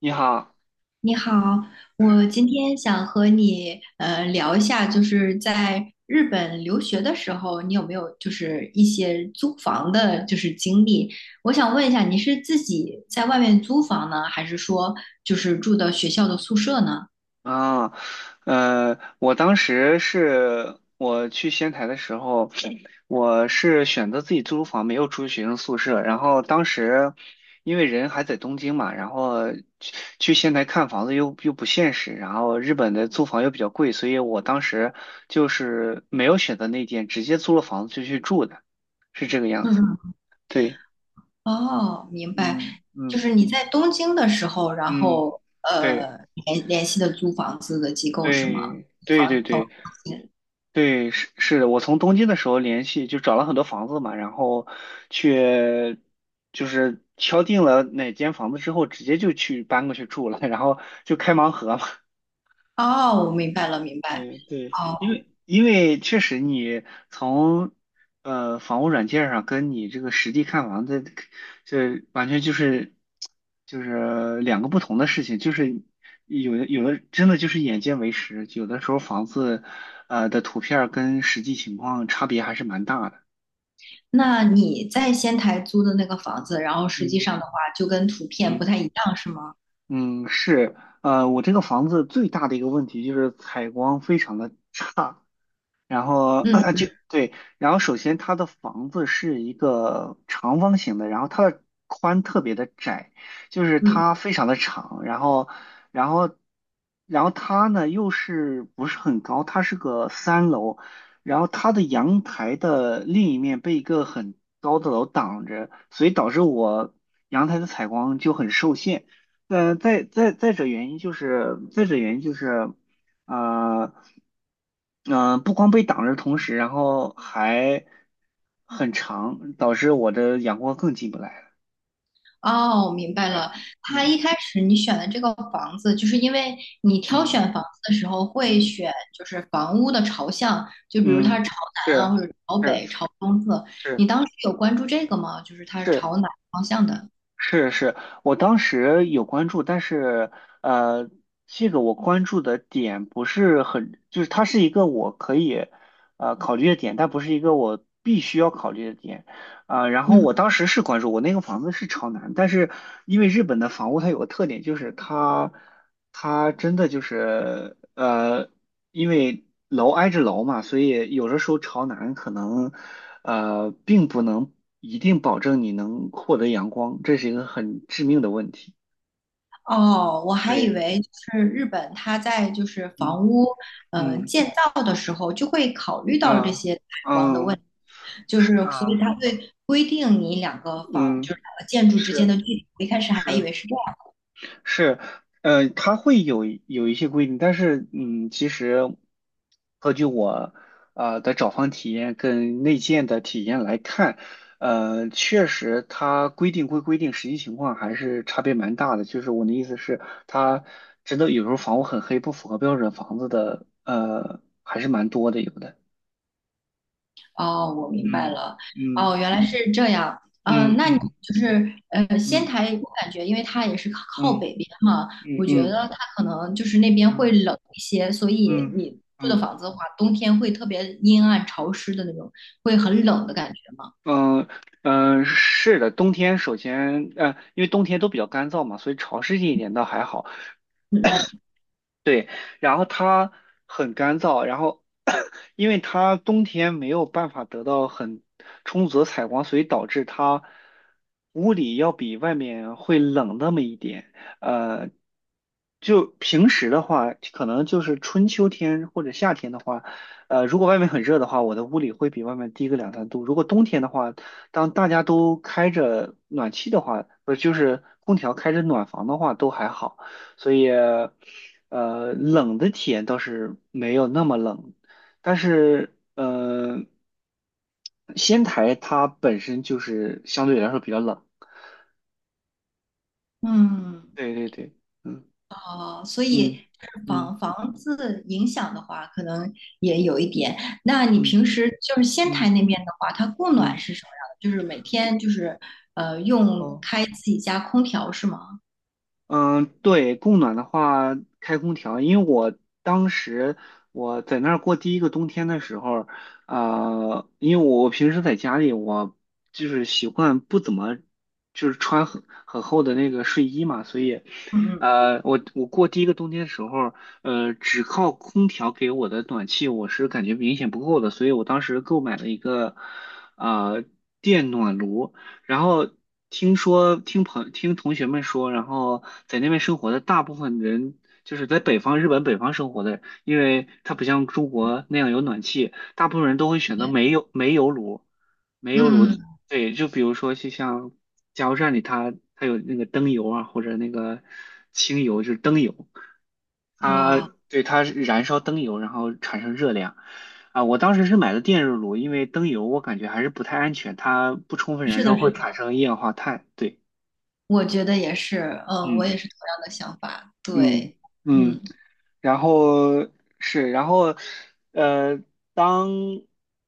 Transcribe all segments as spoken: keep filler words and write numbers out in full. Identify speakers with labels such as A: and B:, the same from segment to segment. A: 你好
B: 你好，我今天想和你呃聊一下，就是在日本留学的时候，你有没有就是一些租房的，就是经历？我想问一下，你是自己在外面租房呢，还是说就是住的学校的宿舍呢？
A: 啊，呃，我当时是我去仙台的时候，我是选择自己租房，没有住学生宿舍。然后当时因为人还在东京嘛，然后去去仙台看房子又又不现实，然后日本的租房又比较贵，所以我当时就是没有选择那间，直接租了房子就去住的，是这个样
B: 嗯
A: 子。
B: 嗯，
A: 对，
B: 哦，明白，
A: 嗯
B: 就
A: 嗯
B: 是你在东京的时候，然
A: 嗯，
B: 后
A: 对
B: 呃联联系的租房子的机构是吗？
A: 对对对
B: 房
A: 对。
B: 房。
A: 对，是是的，我从东京的时候联系，就找了很多房子嘛，然后去就是敲定了哪间房子之后，直接就去搬过去住了，然后就开盲盒嘛。
B: 哦，我明白了，明白。
A: 嗯，对，因
B: 哦。
A: 为因为确实你从呃房屋软件上跟你这个实地看房的，这完全就是就是两个不同的事情，就是有的有的真的就是眼见为实，有的时候房子呃的图片儿跟实际情况差别还是蛮大的。
B: 那你在仙台租的那个房子，然后实际
A: 嗯
B: 上的话就跟图片不
A: 嗯
B: 太一样，是吗？
A: 嗯，是，呃，我这个房子最大的一个问题就是采光非常的差。然后
B: 嗯
A: 就对，然后首先它的房子是一个长方形的，然后它的宽特别的窄，就是
B: 嗯，
A: 它非常的长，然后，然后，然后它呢又是不是很高，它是个三楼，然后它的阳台的另一面被一个很高的楼挡着，所以导致我阳台的采光就很受限。呃，再再再者原因就是，再者原因就是。啊，嗯、不光被挡着同时，然后还很长，导致我的阳光更进不来了。
B: 哦，明白
A: 哎，
B: 了。它
A: 嗯
B: 一开始你选的这个房子，就是因为你挑
A: 嗯
B: 选房子的时候会
A: 嗯
B: 选就是房屋的朝向，就比如它是
A: 嗯，
B: 朝南啊，
A: 是
B: 或者朝
A: 是
B: 北、朝东侧。你
A: 是
B: 当时有关注这个吗？就是它是
A: 是
B: 朝哪个方向的？
A: 是是，我当时有关注，但是呃，这个我关注的点不是很，就是它是一个我可以呃考虑的点，但不是一个我必须要考虑的点。啊，然后
B: 嗯。
A: 我当时是关注我那个房子是朝南，但是因为日本的房屋它有个特点，就是它它真的就是呃，因为楼挨着楼嘛，所以有的时候朝南可能呃并不能一定保证你能获得阳光，这是一个很致命的问题。
B: 哦，我还以
A: 对，
B: 为就是日本，它在就是
A: 嗯
B: 房屋呃
A: 嗯
B: 建造的时候就会考虑到这
A: 啊
B: 些采光的问
A: 嗯
B: 题，就是所以它
A: 啊
B: 会规定你两个房
A: 嗯
B: 就是两个建筑之间
A: 是。
B: 的距离。我一开始还以
A: 是
B: 为是这样。
A: 是，呃，它会有有一些规定，但是，嗯，其实，根据我呃的找房体验跟内建的体验来看，呃，确实它规定归规定，实际情况还是差别蛮大的。就是我的意思是，它真的有时候房屋很黑，不符合标准房子的，呃，还是蛮多的，有的。
B: 哦，我明白
A: 嗯
B: 了。
A: 嗯
B: 哦，原来是这样。嗯，
A: 嗯
B: 那你
A: 嗯
B: 就是呃，仙
A: 嗯
B: 台，我感觉因为它也是靠
A: 嗯
B: 靠北边嘛，
A: 嗯嗯
B: 我
A: 嗯
B: 觉
A: 嗯
B: 得它可能就是那边会
A: 嗯。
B: 冷一些，所以
A: 嗯
B: 你住的
A: 嗯嗯
B: 房
A: 嗯
B: 子的话，冬天会特别阴暗潮湿的那种，会很冷的感觉吗？
A: 嗯嗯，呃是的，冬天首先，呃，因为冬天都比较干燥嘛，所以潮湿一点倒还好。
B: 嗯嗯
A: 对，然后它很干燥，然后 因为它冬天没有办法得到很充足的采光，所以导致它屋里要比外面会冷那么一点。呃，就平时的话，可能就是春秋天或者夏天的话，呃，如果外面很热的话，我的屋里会比外面低个两三度。如果冬天的话，当大家都开着暖气的话，不是就是空调开着暖房的话，都还好，所以。呃，冷的体验倒是没有那么冷，但是呃，仙台它本身就是相对来说比较冷。
B: 嗯。
A: 对对对，嗯
B: 哦，所以
A: 嗯嗯
B: 房房子影响的话，可能也有一点。那你平
A: 嗯
B: 时就是仙台
A: 嗯
B: 那边的话，它供暖
A: 嗯，
B: 是什么样的？就是每天就是呃用
A: 哦。
B: 开自己家空调是吗？
A: 嗯，对，供暖的话，开空调，因为我当时我在那儿过第一个冬天的时候，呃，因为我平时在家里，我就是习惯不怎么就是穿很很厚的那个睡衣嘛，所以，
B: 嗯
A: 呃，我我过第一个冬天的时候，呃，只靠空调给我的暖气，我是感觉明显不够的，所以我当时购买了一个呃电暖炉。然后听说听朋听同学们说，然后在那边生活的大部分人，就是在北方日本北方生活的，因为它不像中国那样有暖气，大部分人都会选择煤油煤油炉，煤油炉。
B: 嗯
A: 对，就比如说就像加油站里它它有那个灯油啊，或者那个清油，就是灯油。
B: 嗯啊，
A: 它对，它燃烧灯油，然后产生热量。啊，我当时是买的电热炉，因为灯油我感觉还是不太安全，它不充分燃
B: 是
A: 烧
B: 的，是
A: 会
B: 的，
A: 产生一氧化碳。对，
B: 我觉得也是，嗯，我也
A: 嗯
B: 是同样的想法。
A: 嗯
B: 对，
A: 嗯，
B: 嗯，
A: 然后是，然后呃，当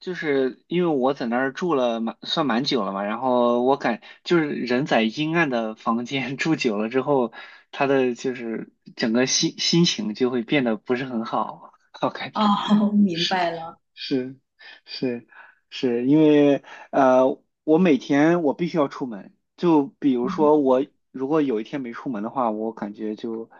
A: 就是因为我在那儿住了蛮算蛮久了嘛，然后我感就是人在阴暗的房间 住久了之后，他的就是整个心心情就会变得不是很好，我感觉。
B: 哦，明白了。
A: 是是是，因为呃，我每天我必须要出门。就比如说我如果有一天没出门的话，我感觉就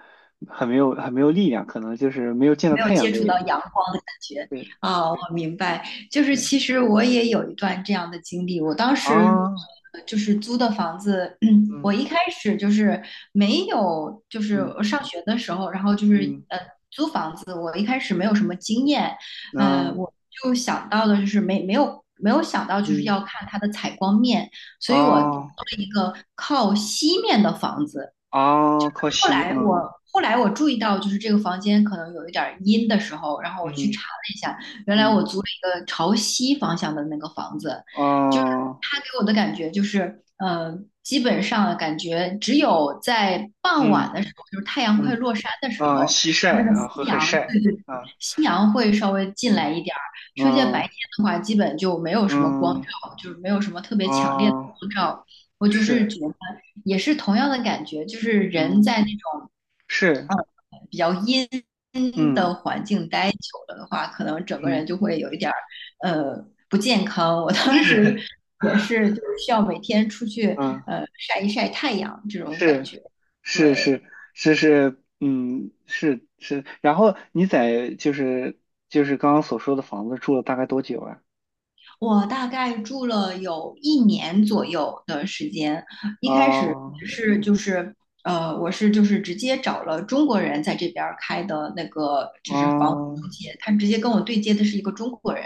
A: 很没有很没有力量，可能就是没有见到
B: 没有
A: 太阳
B: 接
A: 的
B: 触
A: 原
B: 到
A: 因。
B: 阳光的感觉
A: 对
B: 啊，我
A: 对
B: 明白。就是
A: 对
B: 其实我也有一段这样的经历，我当时
A: 啊，
B: 呃就是租的房子，嗯，我
A: 嗯
B: 一开始就是没有，就是
A: 嗯
B: 我上学的时候，然后就是
A: 嗯，
B: 呃租房子，我一开始没有什么经验，呃，
A: 那
B: 我就想到的就是没没有没有想到就是
A: 嗯
B: 要看它的采光面，所以我租
A: 啊
B: 了一个靠西面的房子。
A: 啊，靠
B: 后
A: 西
B: 来
A: 啊，
B: 我后来我注意到，就是这个房间可能有一点阴的时候，然后我去
A: 嗯
B: 查了一下，原来我
A: 嗯
B: 租了一个朝西方向的那个房子，
A: 嗯
B: 就是
A: 啊
B: 它给我的感觉就是，呃，基本上感觉只有在傍晚
A: 嗯
B: 的时候，就是太阳快
A: 嗯
B: 落山的时
A: 啊，
B: 候，
A: 西晒
B: 那个
A: 啊，会
B: 夕
A: 很
B: 阳，
A: 晒
B: 对对，
A: 啊，
B: 夕阳会稍微进
A: 嗯
B: 来一点儿，剩下白
A: 嗯
B: 天的话，基本就没有什么光
A: 嗯。
B: 照，就是没有什么特别强烈的
A: 哦，
B: 光照。我就是
A: 是，
B: 觉得也是同样的感觉，就是人
A: 嗯，
B: 在那种
A: 是，
B: 比较阴
A: 嗯
B: 的环境待久了的话，可能整个人
A: 嗯
B: 就会有一点儿呃不健康。我当
A: 是，
B: 时也是，就是需要每天出去
A: 嗯，
B: 呃晒一晒太阳这种感
A: 是
B: 觉。
A: 是
B: 对，
A: 是是是，嗯是是。然后你在就是就是刚刚所说的房子住了大概多久啊？
B: 我大概住了有一年左右的时间，一开始
A: 哦
B: 是就是呃，我是就是直接找了中国人在这边儿开的那个就是房屋
A: 哦
B: 中介，他直接跟我对接的是一个中国人，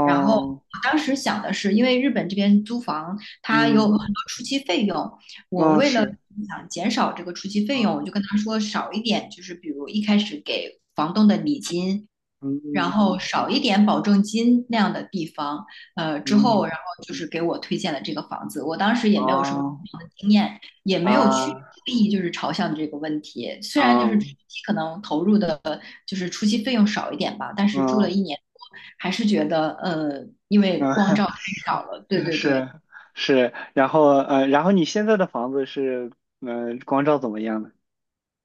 B: 然后我当时想的是，因为日本这边租房它有
A: 嗯
B: 很多初期费用，我
A: 哦
B: 为了
A: 是
B: 想减少这个初期费用，
A: 啊，
B: 我就跟他说少一点，就是比如一开始给房东的礼金。然
A: 嗯
B: 后少一点保证金那样的地方，呃，之
A: 嗯嗯，
B: 后然后就是给我推荐了这个房子。我当时也没有什么
A: 哦
B: 房的经验，也没有去
A: 啊
B: 注意就是朝向的这个问题。虽然就是初
A: 啊
B: 期可能投入的就是初期费用少一点吧，但是住了
A: 嗯
B: 一年多，还是觉得呃，因为
A: 嗯。
B: 光照太少 了。对
A: 嗯，
B: 对对，
A: 是是，然后呃，然后你现在的房子是嗯、呃光照怎么样呢？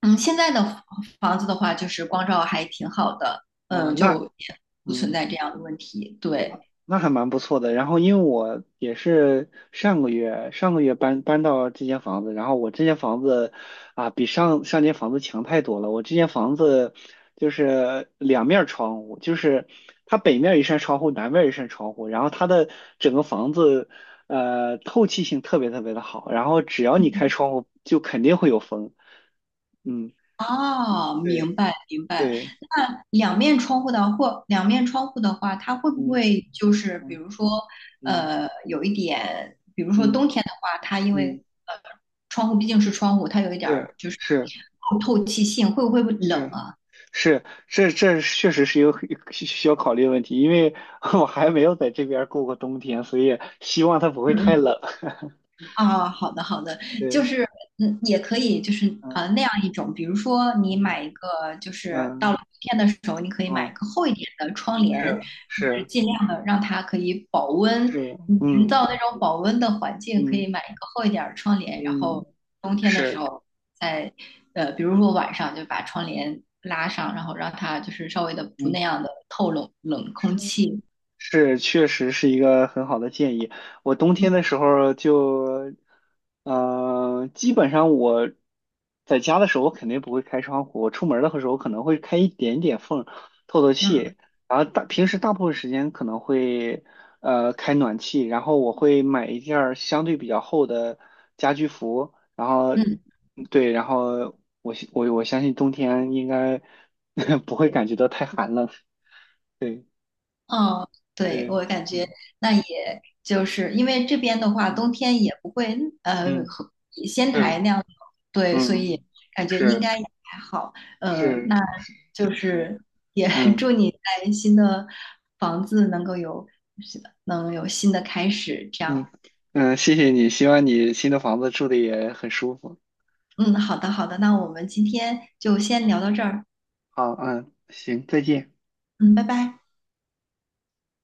B: 嗯，现在的房房子的话，就是光照还挺好的，
A: 哦，
B: 嗯、就
A: 那
B: 也不存
A: 嗯，
B: 在这样的问题。对。
A: 那还蛮不错的。然后因为我也是上个月上个月搬搬到这间房子，然后我这间房子啊比上上间房子强太多了。我这间房子就是两面儿窗户，就是它北面儿一扇窗户，南面儿一扇窗户，然后它的整个房子呃透气性特别特别的好，然后只要你开窗户就肯定会有风。嗯，
B: 哦，
A: 对
B: 明白明白。
A: 对，
B: 那两面窗户的或两面窗户的话，它会不
A: 嗯
B: 会就是比
A: 嗯
B: 如说，
A: 嗯
B: 呃，有一点，比如说
A: 嗯
B: 冬天的话，它因
A: 嗯，
B: 为呃窗户毕竟是窗户，它有一点
A: 是
B: 儿就是
A: 是
B: 透透气性，会不会冷
A: 是
B: 啊？
A: 是，这这确实是一个很需要考虑的问题，因为 我还没有在这边儿过过冬天，所以希望它不会太冷。
B: 啊，好的好的，就
A: 对，
B: 是嗯，也可以就是呃
A: 嗯
B: 那样一种，比如说你
A: 嗯
B: 买一个，就是到
A: 嗯
B: 了冬天的时候，你可以买一
A: 嗯，
B: 个厚一点的窗
A: 是
B: 帘，就是
A: 是
B: 尽量的让它可以保温，
A: 是，
B: 你营
A: 嗯
B: 造那种保温的环境，可
A: 嗯
B: 以买一个厚一点儿的窗帘，然
A: 嗯，
B: 后冬天的时
A: 是，
B: 候在呃，比如说晚上就把窗帘拉上，然后让它就是稍微的不
A: 嗯。
B: 那样的透冷冷空气，
A: 是，确实是一个很好的建议。我冬天的
B: 嗯
A: 时候就，嗯，基本上我在家的时候，我肯定不会开窗户。我出门儿的时候可能会开一点点缝，透透
B: 嗯
A: 气。然后大平时大部分时间可能会呃开暖气，然后我会买一件儿相对比较厚的家居服，然后
B: 嗯。
A: 对，然后我我我相信冬天应该 不会感觉到太寒冷。对
B: 哦，对，
A: 对，
B: 我感觉
A: 嗯
B: 那也就是因为这边的话，
A: 嗯。
B: 冬天也不会呃
A: 嗯，
B: 和仙台
A: 对，
B: 那样，对，所以
A: 嗯，
B: 感觉应
A: 是
B: 该也还好。呃，那
A: 是是
B: 就
A: 是，
B: 是也
A: 嗯
B: 祝你在新的房子能够有能有新的开始，这
A: 嗯
B: 样。
A: 嗯，谢谢你，希望你新的房子住的也很舒服
B: 嗯，好的，好的，那我们今天就先
A: 啊。
B: 聊到这儿。
A: 好，嗯，行，再见。
B: 嗯，拜拜。